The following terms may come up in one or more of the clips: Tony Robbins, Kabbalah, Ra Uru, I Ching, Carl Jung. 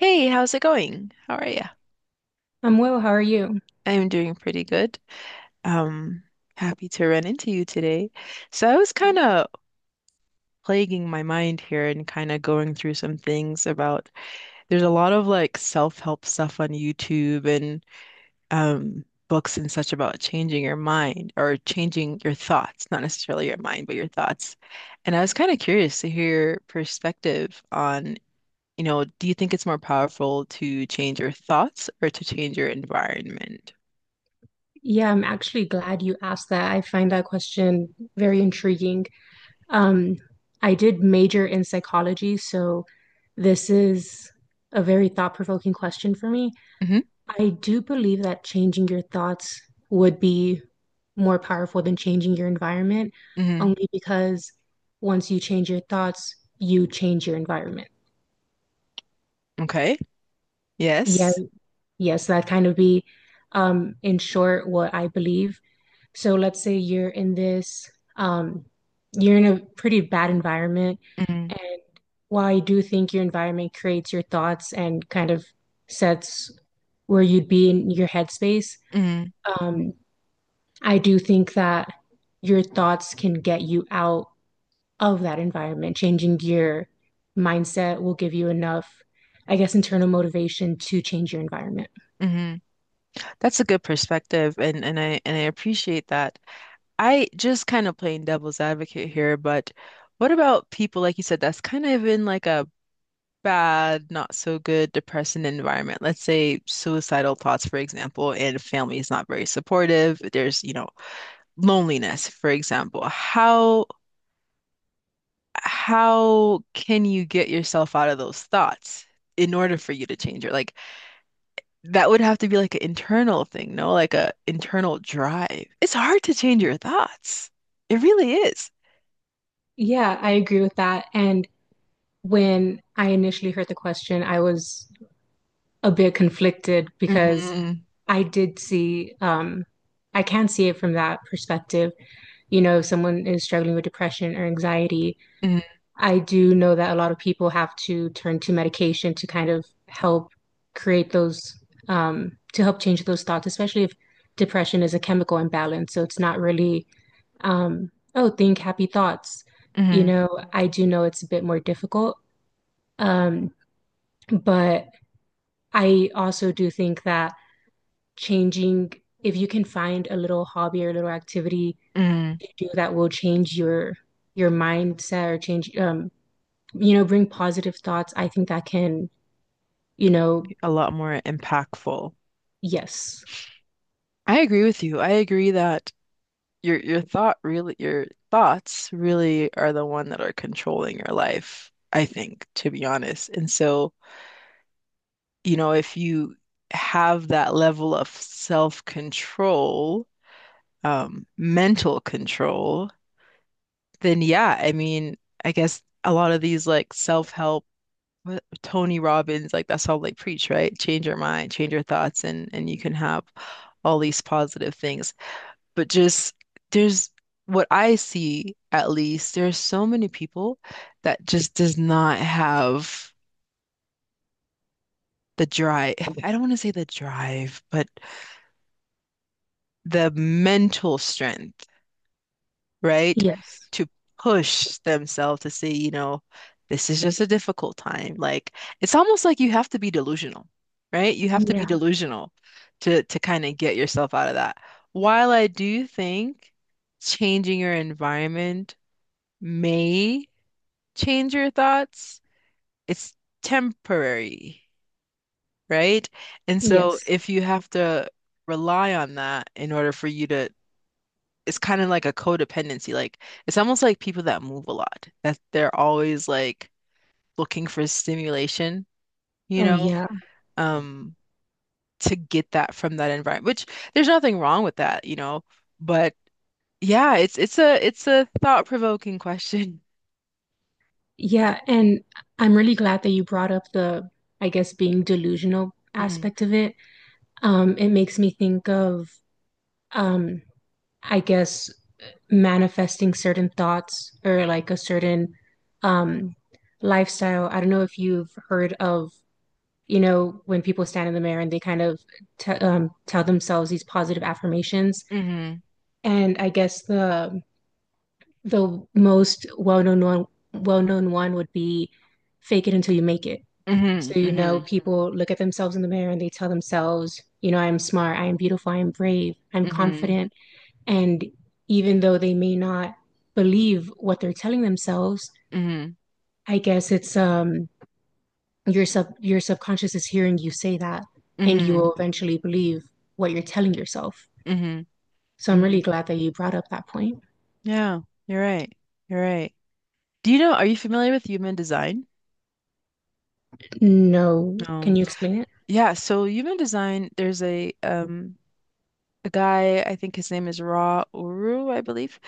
Hey, how's it going? How are you? I'm well, how are you? I'm doing pretty good. Um, happy to run into you today. So I was kind of plaguing my mind here and kind of going through some things about there's a lot of like self-help stuff on YouTube and books and such about changing your mind or changing your thoughts, not necessarily your mind, but your thoughts. And I was kind of curious to hear your perspective on, do you think it's more powerful to change your thoughts or to change your environment? Yeah, I'm actually glad you asked that. I find that question very intriguing. Um, I did major in psychology, so this is a very thought-provoking question for me. Hmm. I do believe that changing your thoughts would be more powerful than changing your environment, Hmm. only because once you change your thoughts, you change your environment. Okay. Yeah, Yes. yes, that kind of be in short what I believe. So let's say you're in um, you're in a pretty bad environment. Mm-hmm. And while I do think your environment creates your thoughts and kind of sets where you'd be in your headspace, um, I do think that your thoughts can get you out of that environment, changing your mindset will give you enough, I guess, internal motivation to change your environment. Mm-hmm. That's a good perspective, and I appreciate that. I just kind of playing devil's advocate here, but what about people like you said that's kind of in like a bad, not so good, depressing environment? Let's say suicidal thoughts, for example, and family is not very supportive. There's, loneliness, for example. How can you get yourself out of those thoughts in order for you to change it? Like that would have to be like an internal thing, no? Like a internal drive. It's hard to change your thoughts. It really is. Yeah, I agree with that. And when I initially heard the question, I was a bit conflicted because Hmm. I did see, I can see it from that perspective. You know, if someone is struggling with depression or anxiety, Hmm. I do know that a lot of people have to turn to medication to kind of help create those, to help change those thoughts, especially if depression is a chemical imbalance. So it's not really, oh, think happy thoughts. You Hmm. know, I do know it's a bit more difficult. Um, but I also do think that changing if you can find a little hobby or a little activity Hmm. to do that will change your mindset or change you know bring positive thoughts I think that can you know A lot more impactful. yes, I agree with you. I agree that your thoughts really are the one that are controlling your life, I think, to be honest. And so, if you have that level of self-control, mental control, then yeah, I mean, I guess a lot of these like self-help Tony Robbins, like that's all they preach, right? Change your mind, change your thoughts, and you can have all these positive things. But just there's what I see at least, there's so many people that just does not have the drive. I don't want to say the drive, but the mental strength, right? yes, To push themselves to say, this is just a difficult time. Like it's almost like you have to be delusional, right? You have to be yeah, delusional to kind of get yourself out of that. While I do think changing your environment may change your thoughts, it's temporary, right? And so yes, if you have to rely on that in order for you to, it's kind of like a codependency. Like it's almost like people that move a lot, that they're always like looking for stimulation, you oh know, yeah. um, to get that from that environment, which there's nothing wrong with that. But yeah, it's a thought-provoking question. Yeah, and I'm really glad that you brought up the I guess being delusional Hmm. aspect of it. It makes me think of um I guess, manifesting certain thoughts or like a certain um lifestyle. I don't know if you've heard of, you know, when people stand in the mirror and they kind of t tell themselves these positive affirmations. Hmm. And I guess the most well-known one would be fake it until you make it. Hmm. So, you know, Hmm. people look at themselves in the mirror and they tell themselves, you know, I'm smart, I'm beautiful, I'm brave, I'm Hmm. confident, and even though they may not believe what they're telling themselves, Hmm. I guess it's, your sub your subconscious is hearing you say that and you Hmm. will eventually believe what you're telling yourself. Hmm. So I'm really Hmm. glad that you brought up that point. Yeah, you're right. You're right. Do you know, are you familiar with human design? No, can Um, you explain it? yeah, so human design, there's a guy, I think his name is Ra Uru, I believe.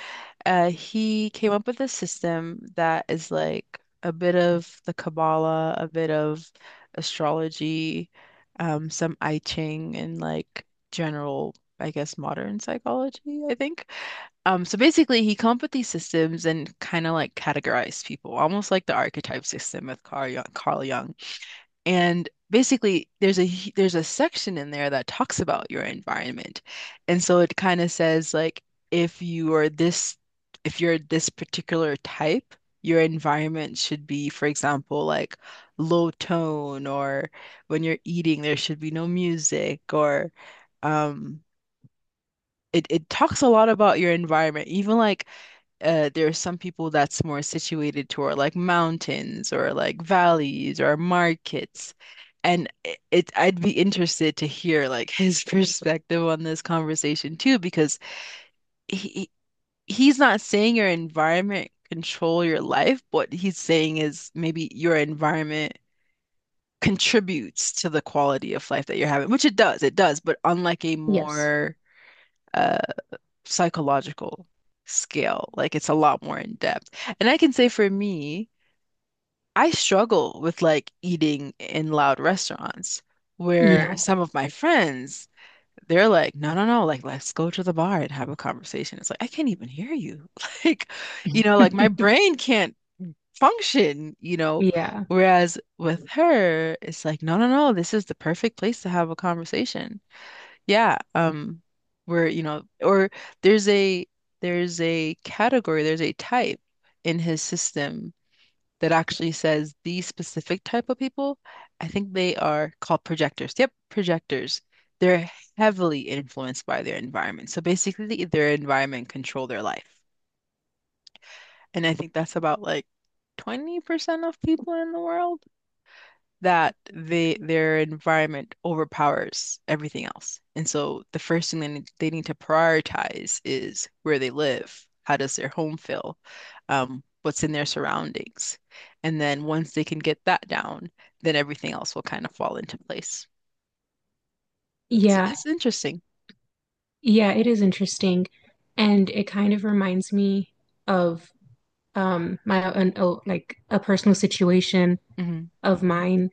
He came up with a system that is like a bit of the Kabbalah, a bit of astrology, some I Ching, and like general, I guess, modern psychology, I think. So basically, he come up with these systems and kind of like categorize people, almost like the archetype system with Carl Jung, Carl Jung. And basically, there's a section in there that talks about your environment. And so it kind of says like if you are this if you're this particular type, your environment should be, for example, like low tone or when you're eating, there should be no music, or um it talks a lot about your environment, even like there are some people that's more situated toward like mountains or like valleys or markets. And I'd be interested to hear like his perspective on this conversation too, because he he's not saying your environment control your life. What he's saying is maybe your environment contributes to the quality of life that you're having, which it does, but unlike a Yes. more uh, psychological scale. Like it's a lot more in depth. And I can say for me, I struggle with like eating in loud restaurants where Yeah. some of my friends, they're like, "No, no, no, like let's go to the bar and have a conversation." It's like, I can't even hear you. Like, like my brain can't function. Yeah. Whereas with her, it's like, "No, no, no, this is the perfect place to have a conversation." Yeah, where or there's a there's a category, there's a type in his system that actually says these specific type of people. I think they are called projectors. Yep, projectors. They're heavily influenced by their environment. So basically, their environment control their life. And I think that's about like 20% of people in the world that they their environment overpowers everything else. And so the first thing they need to prioritize is where they live. How does their home feel? What's in their surroundings? And then once they can get that down, then everything else will kind of fall into place. It's, Yeah. it's interesting. Yeah, it is interesting. And it kind of reminds me of like a personal situation Hmm. of mine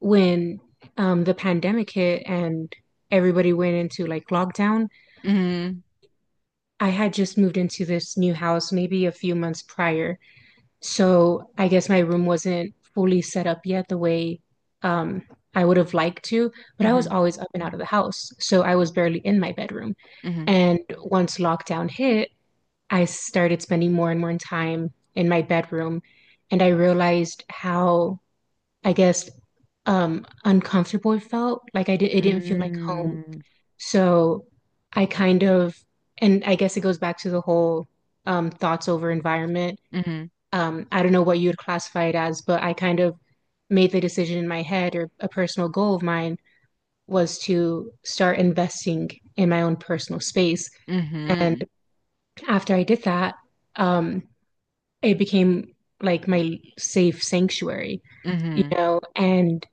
when the pandemic hit and everybody went into like lockdown. Hmm. I had just moved into this new house maybe a few months prior. So I guess my room wasn't fully set up yet the way um, I would have liked to, but I was Hmm. always up and out of the house. So I was barely in my bedroom. Hmm. And once lockdown hit, I started spending more and more time in my bedroom. And I realized how, I guess, uncomfortable it felt. It didn't feel like home. Mm. So I kind and I guess it goes back to the whole thoughts over environment Mhm. um, I don't know what you'd classify it as, but I kind of made the decision in my head or a personal goal of mine was to start investing in my own personal space. And Mhm. after I did that, um, it became like my safe sanctuary, you Mhm. know, and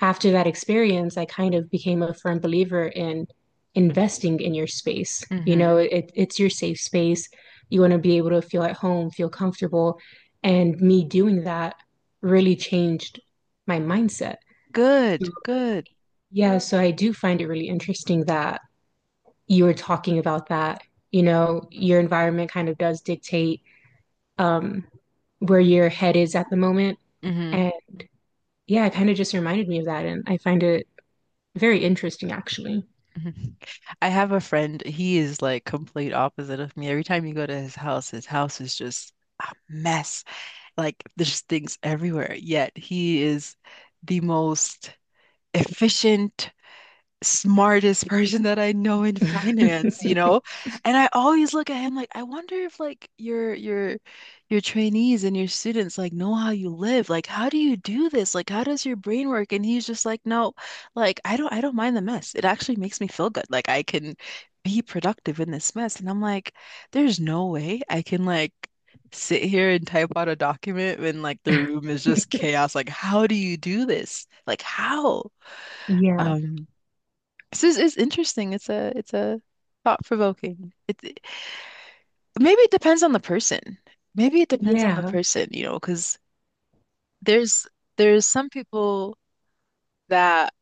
after that experience, I kind of became a firm believer in investing in your space. Mhm. It's your safe space. You want to be able to feel at home, feel comfortable. And me doing that really changed my mindset. Good, good. Yeah, so I do find it really interesting that you were talking about that. You know, your environment kind of does dictate um, where your head is at the moment. Mhm. And yeah, it kind of just reminded me of that. And I find it very interesting, actually. Mhm. I have a friend, he is like complete opposite of me. Every time you go to his house is just a mess. Like there's things everywhere. Yet he is the most efficient, smartest person that I know in finance, you know? And I always look at him like, I wonder if like your trainees and your students like know how you live. Like, how do you do this? Like, how does your brain work? And he's just like, "No, like I don't mind the mess. It actually makes me feel good. Like I can be productive in this mess." And I'm like, there's no way I can like sit here and type out a document when like the room is just chaos. Like, how do you do this? Like, how? Yeah, Um, this is interesting. It's a thought provoking. Maybe it depends on the person. Maybe it depends on the yeah, person, because there's there's some people that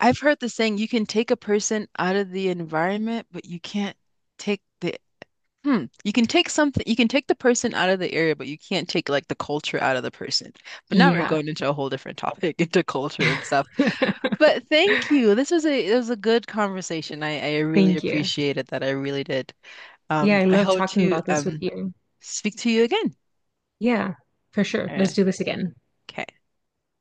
I've heard the saying you can take a person out of the environment, but you can't take the. Hmm. You can take something, you can take the person out of the area, but you can't take like the culture out of the person. But now we're yeah. going into a whole different topic, into culture and stuff. But thank you. This was a it was a good conversation. I really Thank you. appreciated that. I really did. Yeah, Um, I I love hope talking to about this with you. speak to you again. Yeah, for sure. Uh, Let's do this again. Okay.